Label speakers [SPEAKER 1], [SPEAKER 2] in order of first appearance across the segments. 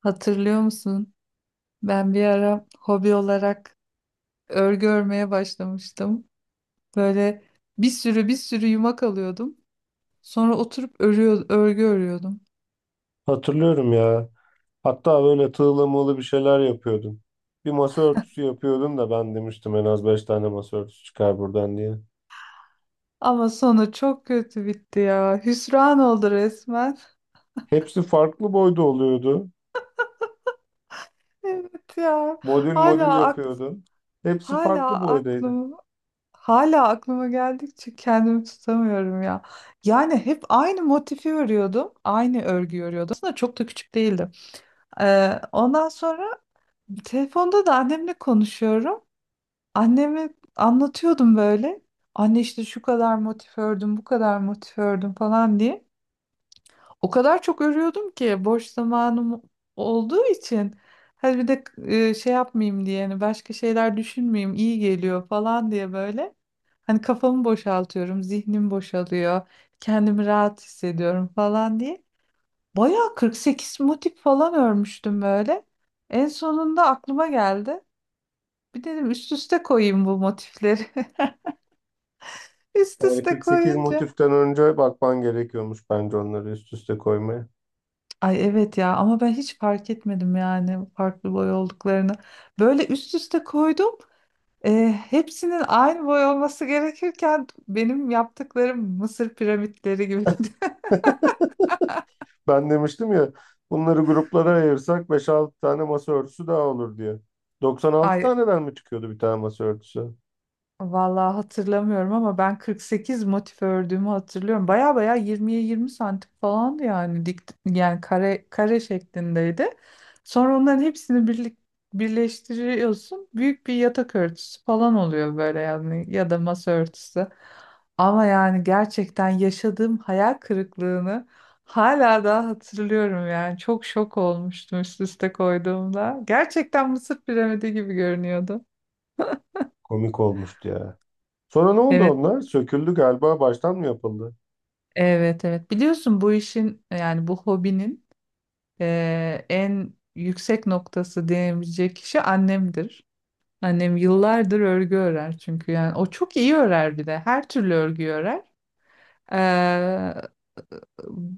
[SPEAKER 1] Hatırlıyor musun? Ben bir ara hobi olarak örgü örmeye başlamıştım. Böyle bir sürü bir sürü yumak alıyordum. Sonra oturup örgü örüyordum.
[SPEAKER 2] Hatırlıyorum ya. Hatta böyle tığla mığla bir şeyler yapıyordum. Bir masa örtüsü yapıyordum da ben demiştim en az 5 tane masa örtüsü çıkar buradan diye.
[SPEAKER 1] Ama sonu çok kötü bitti ya. Hüsran oldu resmen.
[SPEAKER 2] Hepsi farklı boyda oluyordu.
[SPEAKER 1] Evet ya.
[SPEAKER 2] Modül modül yapıyordum. Hepsi farklı
[SPEAKER 1] Hala
[SPEAKER 2] boydaydı.
[SPEAKER 1] aklım hala aklıma geldikçe kendimi tutamıyorum ya. Yani hep aynı motifi örüyordum. Aynı örgü örüyordum. Aslında çok da küçük değildim. Ondan sonra telefonda da annemle konuşuyorum. Anneme anlatıyordum böyle. Anne işte şu kadar motif ördüm, bu kadar motif ördüm falan diye. O kadar çok örüyordum ki boş zamanım olduğu için. Hadi bir de şey yapmayayım diye, hani başka şeyler düşünmeyeyim, iyi geliyor falan diye böyle. Hani kafamı boşaltıyorum, zihnim boşalıyor, kendimi rahat hissediyorum falan diye. Bayağı 48 motif falan örmüştüm böyle. En sonunda aklıma geldi. Bir dedim üst üste koyayım bu motifleri. Üst
[SPEAKER 2] Yani
[SPEAKER 1] üste
[SPEAKER 2] 48
[SPEAKER 1] koyunca.
[SPEAKER 2] motiften önce bakman gerekiyormuş bence onları üst üste koymaya.
[SPEAKER 1] Ay evet ya ama ben hiç fark etmedim yani farklı boy olduklarını. Böyle üst üste koydum. E, hepsinin aynı boy olması gerekirken benim yaptıklarım Mısır piramitleri gibi.
[SPEAKER 2] Ben demiştim ya, bunları gruplara ayırsak beş 6 tane masa örtüsü daha olur diye. 96
[SPEAKER 1] Ay
[SPEAKER 2] taneden mi çıkıyordu bir tane masa örtüsü?
[SPEAKER 1] vallahi hatırlamıyorum ama ben 48 motif ördüğümü hatırlıyorum. Baya baya 20'ye 20 santim falandı yani dik yani kare kare şeklindeydi. Sonra onların hepsini birleştiriyorsun. Büyük bir yatak örtüsü falan oluyor böyle yani ya da masa örtüsü. Ama yani gerçekten yaşadığım hayal kırıklığını hala daha hatırlıyorum yani. Çok şok olmuştum üst üste koyduğumda. Gerçekten Mısır piramidi gibi görünüyordu.
[SPEAKER 2] Komik olmuştu ya. Sonra ne oldu
[SPEAKER 1] Evet,
[SPEAKER 2] onlar? Söküldü galiba, baştan mı yapıldı?
[SPEAKER 1] evet, evet, biliyorsun bu işin yani bu hobinin en yüksek noktası diyebilecek kişi annemdir. Annem yıllardır örgü örer çünkü yani o çok iyi örer bir de her türlü örgü örer. Ee,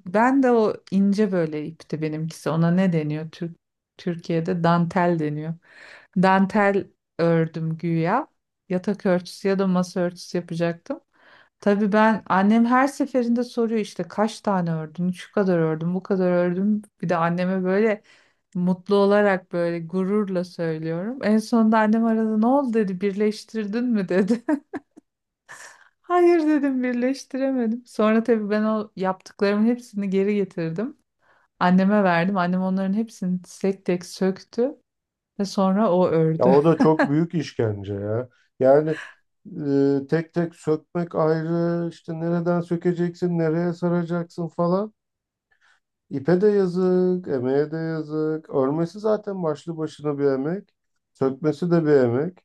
[SPEAKER 1] Ben de o ince böyle ipti benimkisi. Ona ne deniyor? Türkiye'de dantel deniyor. Dantel ördüm güya. Yatak örtüsü ya da masa örtüsü yapacaktım. Tabii ben annem her seferinde soruyor işte kaç tane ördün, şu kadar ördüm, bu kadar ördüm. Bir de anneme böyle mutlu olarak böyle gururla söylüyorum. En sonunda annem aradı ne oldu dedi birleştirdin mi dedi. Hayır dedim birleştiremedim. Sonra tabii ben o yaptıklarımın hepsini geri getirdim. Anneme verdim. Annem onların hepsini tek tek söktü ve sonra o
[SPEAKER 2] Ya
[SPEAKER 1] ördü.
[SPEAKER 2] o da çok büyük işkence ya. Yani tek tek sökmek ayrı, işte nereden sökeceksin, nereye saracaksın falan. İpe de yazık, emeğe de yazık. Örmesi zaten başlı başına bir emek. Sökmesi de bir emek.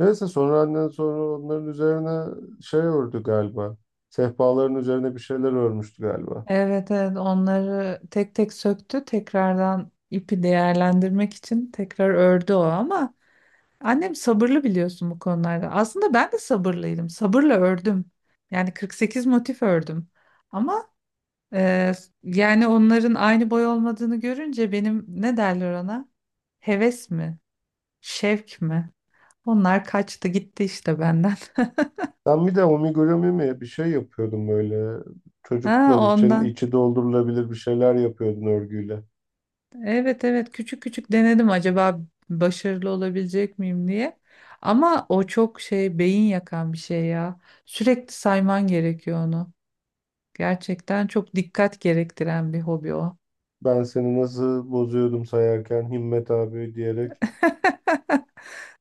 [SPEAKER 2] Neyse, sonra annen sonra onların üzerine şey ördü galiba. Sehpaların üzerine bir şeyler örmüştü galiba.
[SPEAKER 1] Evet, evet, onları tek tek söktü. Tekrardan ipi değerlendirmek için tekrar ördü o ama annem sabırlı biliyorsun bu konularda. Aslında ben de sabırlıydım. Sabırla ördüm. Yani 48 motif ördüm. Ama Ee, yani onların aynı boy olmadığını görünce benim ne derler ona? Heves mi? Şevk mi? Onlar kaçtı gitti işte benden.
[SPEAKER 2] Ben bir de omigurumi mi bir şey yapıyordum böyle.
[SPEAKER 1] Ha
[SPEAKER 2] Çocuklar için
[SPEAKER 1] ondan.
[SPEAKER 2] içi doldurulabilir bir şeyler yapıyordun örgüyle.
[SPEAKER 1] Evet, evet, küçük küçük denedim acaba başarılı olabilecek miyim diye. Ama o çok şey beyin yakan bir şey ya. Sürekli sayman gerekiyor onu. Gerçekten çok dikkat gerektiren bir hobi o.
[SPEAKER 2] Ben seni nasıl bozuyordum sayarken Himmet abi diyerek.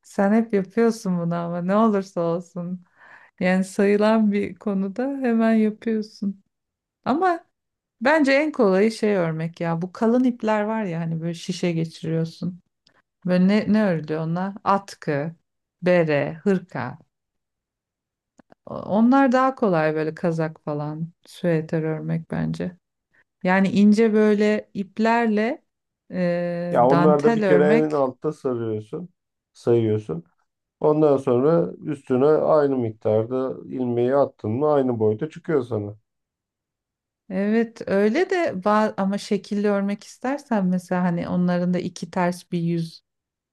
[SPEAKER 1] Sen hep yapıyorsun bunu ama ne olursa olsun. Yani sayılan bir konuda hemen yapıyorsun. Ama bence en kolayı şey örmek ya. Bu kalın ipler var ya hani böyle şişe geçiriyorsun. Böyle ne örülüyor onlar? Atkı, bere, hırka. Onlar daha kolay böyle kazak falan, süeter örmek bence. Yani ince böyle iplerle
[SPEAKER 2] Ya onlar da bir
[SPEAKER 1] dantel
[SPEAKER 2] kere en
[SPEAKER 1] örmek.
[SPEAKER 2] altta sarıyorsun, sayıyorsun. Ondan sonra üstüne aynı miktarda ilmeği attın mı aynı boyda çıkıyor sana.
[SPEAKER 1] Evet öyle de ama şekilli örmek istersen mesela hani onların da iki ters bir yüz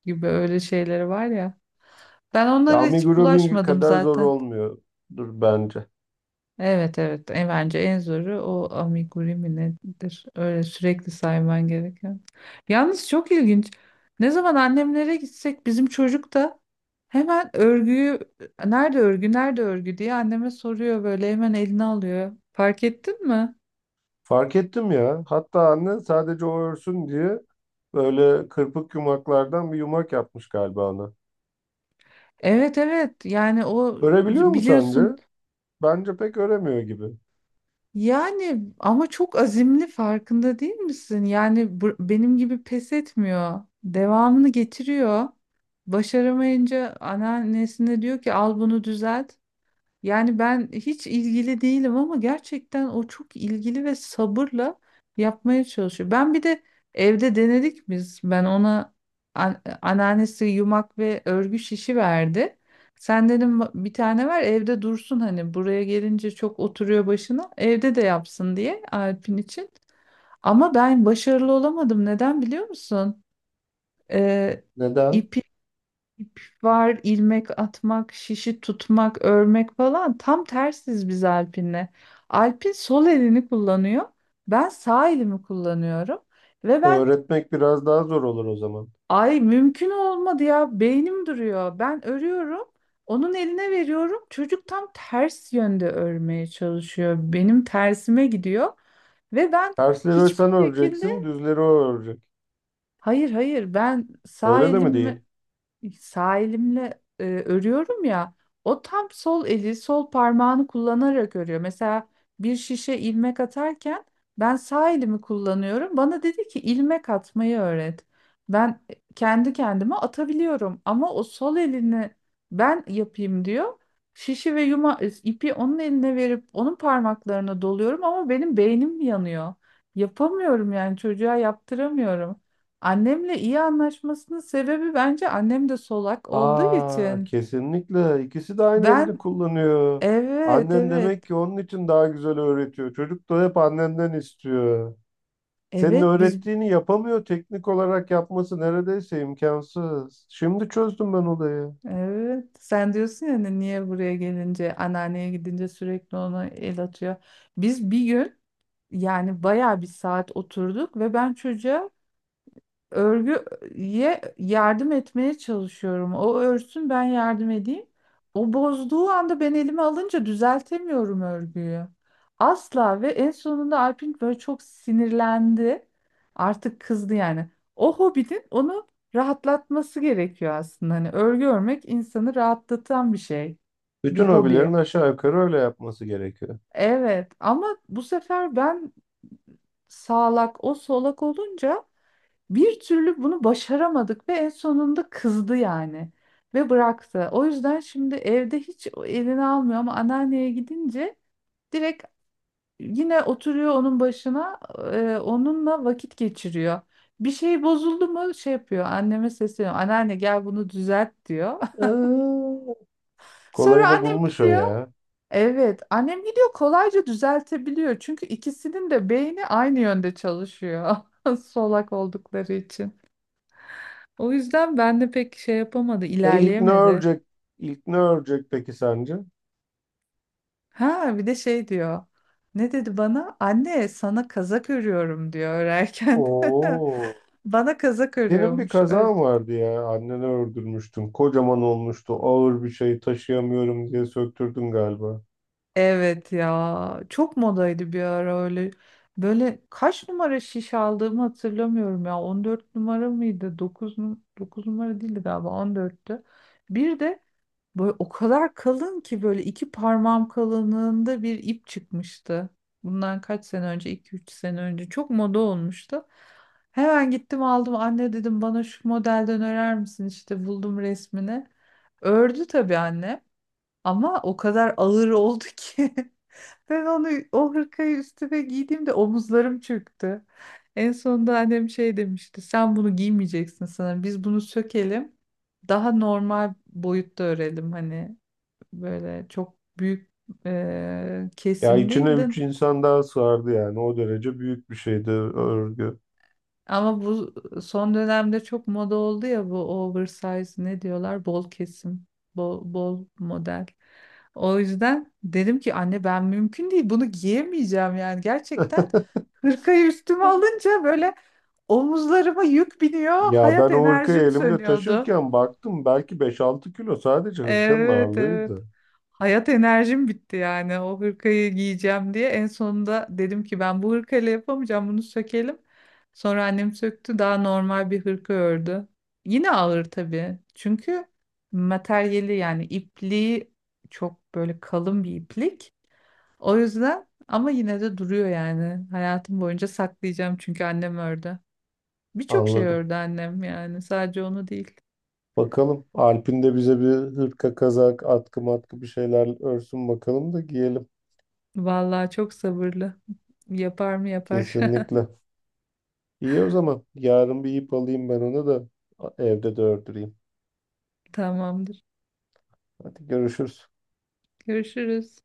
[SPEAKER 1] gibi öyle şeyleri var ya. Ben
[SPEAKER 2] Ya
[SPEAKER 1] onlara hiç
[SPEAKER 2] amigurumi
[SPEAKER 1] bulaşmadım
[SPEAKER 2] kadar zor
[SPEAKER 1] zaten.
[SPEAKER 2] olmuyor bence.
[SPEAKER 1] Evet, evet, bence en zoru o amigurumi mi nedir? Öyle sürekli sayman gereken. Yalnız çok ilginç. Ne zaman annemlere gitsek bizim çocuk da hemen örgüyü nerede örgü nerede örgü diye anneme soruyor böyle hemen eline alıyor. Fark ettin mi?
[SPEAKER 2] Fark ettim ya. Hatta anne sadece o örsün diye böyle kırpık yumaklardan bir yumak yapmış galiba ona.
[SPEAKER 1] Evet, evet, yani o
[SPEAKER 2] Örebiliyor mu sence?
[SPEAKER 1] biliyorsun
[SPEAKER 2] Bence pek öremiyor gibi.
[SPEAKER 1] yani ama çok azimli farkında değil misin? Yani benim gibi pes etmiyor. Devamını getiriyor. Başaramayınca anneannesine diyor ki al bunu düzelt. Yani ben hiç ilgili değilim ama gerçekten o çok ilgili ve sabırla yapmaya çalışıyor. Ben bir de evde denedik biz. Ben ona anneannesi yumak ve örgü şişi verdi. Sen dedim bir tane ver evde dursun hani buraya gelince çok oturuyor başına. Evde de yapsın diye Alp'in için. Ama ben başarılı olamadım. Neden biliyor musun? Ee,
[SPEAKER 2] Neden?
[SPEAKER 1] İp var, ilmek atmak, şişi tutmak, örmek falan. Tam tersiz biz Alpin'le. Alpin sol elini kullanıyor. Ben sağ elimi kullanıyorum. Ve ben
[SPEAKER 2] Öğretmek biraz daha zor olur o zaman.
[SPEAKER 1] ay mümkün olmadı ya beynim duruyor. Ben örüyorum. Onun eline veriyorum. Çocuk tam ters yönde örmeye çalışıyor. Benim tersime gidiyor. Ve ben
[SPEAKER 2] Tersleri sen
[SPEAKER 1] hiçbir şekilde
[SPEAKER 2] öreceksin, düzleri o örecek.
[SPEAKER 1] hayır, hayır, ben sağ
[SPEAKER 2] Öyle de mi değil?
[SPEAKER 1] elim Sağ elimle örüyorum ya o tam sol eli sol parmağını kullanarak örüyor. Mesela bir şişe ilmek atarken ben sağ elimi kullanıyorum. Bana dedi ki ilmek atmayı öğret. Ben kendi kendime atabiliyorum ama o sol elini ben yapayım diyor. Şişi ve ipi onun eline verip onun parmaklarına doluyorum ama benim beynim yanıyor. Yapamıyorum yani çocuğa yaptıramıyorum. Annemle iyi anlaşmasının sebebi bence annem de solak olduğu
[SPEAKER 2] Aa,
[SPEAKER 1] için.
[SPEAKER 2] kesinlikle. İkisi de aynı
[SPEAKER 1] Ben
[SPEAKER 2] elini kullanıyor.
[SPEAKER 1] evet,
[SPEAKER 2] Annen
[SPEAKER 1] evet,
[SPEAKER 2] demek ki onun için daha güzel öğretiyor. Çocuk da hep annenden istiyor. Senin
[SPEAKER 1] evet.
[SPEAKER 2] öğrettiğini yapamıyor. Teknik olarak yapması neredeyse imkansız. Şimdi çözdüm ben olayı.
[SPEAKER 1] Evet, sen diyorsun ya hani niye buraya gelince anneanneye gidince sürekli ona el atıyor. Biz bir gün yani bayağı bir saat oturduk ve ben çocuğa örgüye yardım etmeye çalışıyorum. O örsün ben yardım edeyim. O bozduğu anda ben elime alınca düzeltemiyorum örgüyü. Asla. Ve en sonunda Alpin böyle çok sinirlendi. Artık kızdı yani. O hobinin onu rahatlatması gerekiyor aslında. Hani örgü örmek insanı rahatlatan bir şey. Bir
[SPEAKER 2] Bütün hobilerin
[SPEAKER 1] hobi.
[SPEAKER 2] aşağı yukarı öyle yapması gerekiyor.
[SPEAKER 1] Evet ama bu sefer ben sağlak o solak olunca bir türlü bunu başaramadık ve en sonunda kızdı yani ve bıraktı. O yüzden şimdi evde hiç elini almıyor ama anneanneye gidince direkt yine oturuyor onun başına, onunla vakit geçiriyor. Bir şey bozuldu mu şey yapıyor anneme sesleniyor anneanne gel bunu düzelt diyor.
[SPEAKER 2] Aa,
[SPEAKER 1] Sonra
[SPEAKER 2] kolayını
[SPEAKER 1] annem
[SPEAKER 2] bulmuş o
[SPEAKER 1] gidiyor.
[SPEAKER 2] ya.
[SPEAKER 1] Evet annem gidiyor kolayca düzeltebiliyor çünkü ikisinin de beyni aynı yönde çalışıyor solak oldukları için. O yüzden ben de pek şey yapamadı,
[SPEAKER 2] E ilk ne
[SPEAKER 1] ilerleyemedi.
[SPEAKER 2] örecek? İlk ne örecek peki sence?
[SPEAKER 1] Ha bir de şey diyor. Ne dedi bana? Anne sana kazak örüyorum diyor örerken.
[SPEAKER 2] Oo.
[SPEAKER 1] Bana kazak
[SPEAKER 2] Senin bir
[SPEAKER 1] örüyormuş.
[SPEAKER 2] kazan vardı ya. Anneni öldürmüştün. Kocaman olmuştu. Ağır bir şey taşıyamıyorum diye söktürdün galiba.
[SPEAKER 1] Evet ya. Çok modaydı bir ara öyle. Böyle kaç numara şiş aldığımı hatırlamıyorum ya. 14 numara mıydı? Dokuz numara değildi galiba 14'tü. Bir de böyle o kadar kalın ki böyle iki parmağım kalınlığında bir ip çıkmıştı. Bundan kaç sene önce, iki üç sene önce çok moda olmuştu. Hemen gittim aldım anne dedim bana şu modelden örer misin işte buldum resmini. Ördü tabii anne ama o kadar ağır oldu ki ben onu o hırkayı üstüme giydiğimde omuzlarım çöktü. En sonunda annem şey demişti sen bunu giymeyeceksin sana biz bunu sökelim daha normal boyutta örelim hani böyle çok büyük
[SPEAKER 2] Ya
[SPEAKER 1] kesim
[SPEAKER 2] içine üç
[SPEAKER 1] değildin.
[SPEAKER 2] insan daha sığardı yani. O derece büyük bir şeydi örgü.
[SPEAKER 1] Ama bu son dönemde çok moda oldu ya bu oversize ne diyorlar? Bol kesim, bol model. O yüzden dedim ki anne ben mümkün değil bunu giyemeyeceğim yani gerçekten hırkayı üstüme alınca böyle omuzlarıma yük biniyor
[SPEAKER 2] Ya
[SPEAKER 1] hayat
[SPEAKER 2] ben o hırkayı
[SPEAKER 1] enerjim
[SPEAKER 2] elimde
[SPEAKER 1] sönüyordu.
[SPEAKER 2] taşırken baktım belki 5-6 kilo sadece hırkanın
[SPEAKER 1] Evet, evet.
[SPEAKER 2] ağırlığıydı.
[SPEAKER 1] Hayat enerjim bitti yani o hırkayı giyeceğim diye. En sonunda dedim ki ben bu hırkayla yapamayacağım bunu sökelim. Sonra annem söktü daha normal bir hırka ördü. Yine ağır tabii. Çünkü materyali yani ipliği çok böyle kalın bir iplik. O yüzden ama yine de duruyor yani. Hayatım boyunca saklayacağım çünkü annem ördü. Birçok şey
[SPEAKER 2] Anladım.
[SPEAKER 1] ördü annem yani sadece onu değil.
[SPEAKER 2] Bakalım Alp'in de bize bir hırka, kazak, atkı matkı bir şeyler örsün bakalım da giyelim.
[SPEAKER 1] Vallahi çok sabırlı. Yapar mı yapar.
[SPEAKER 2] Kesinlikle. İyi o zaman. Yarın bir ip alayım ben onu da evde de ördüreyim.
[SPEAKER 1] Tamamdır.
[SPEAKER 2] Hadi görüşürüz.
[SPEAKER 1] Görüşürüz.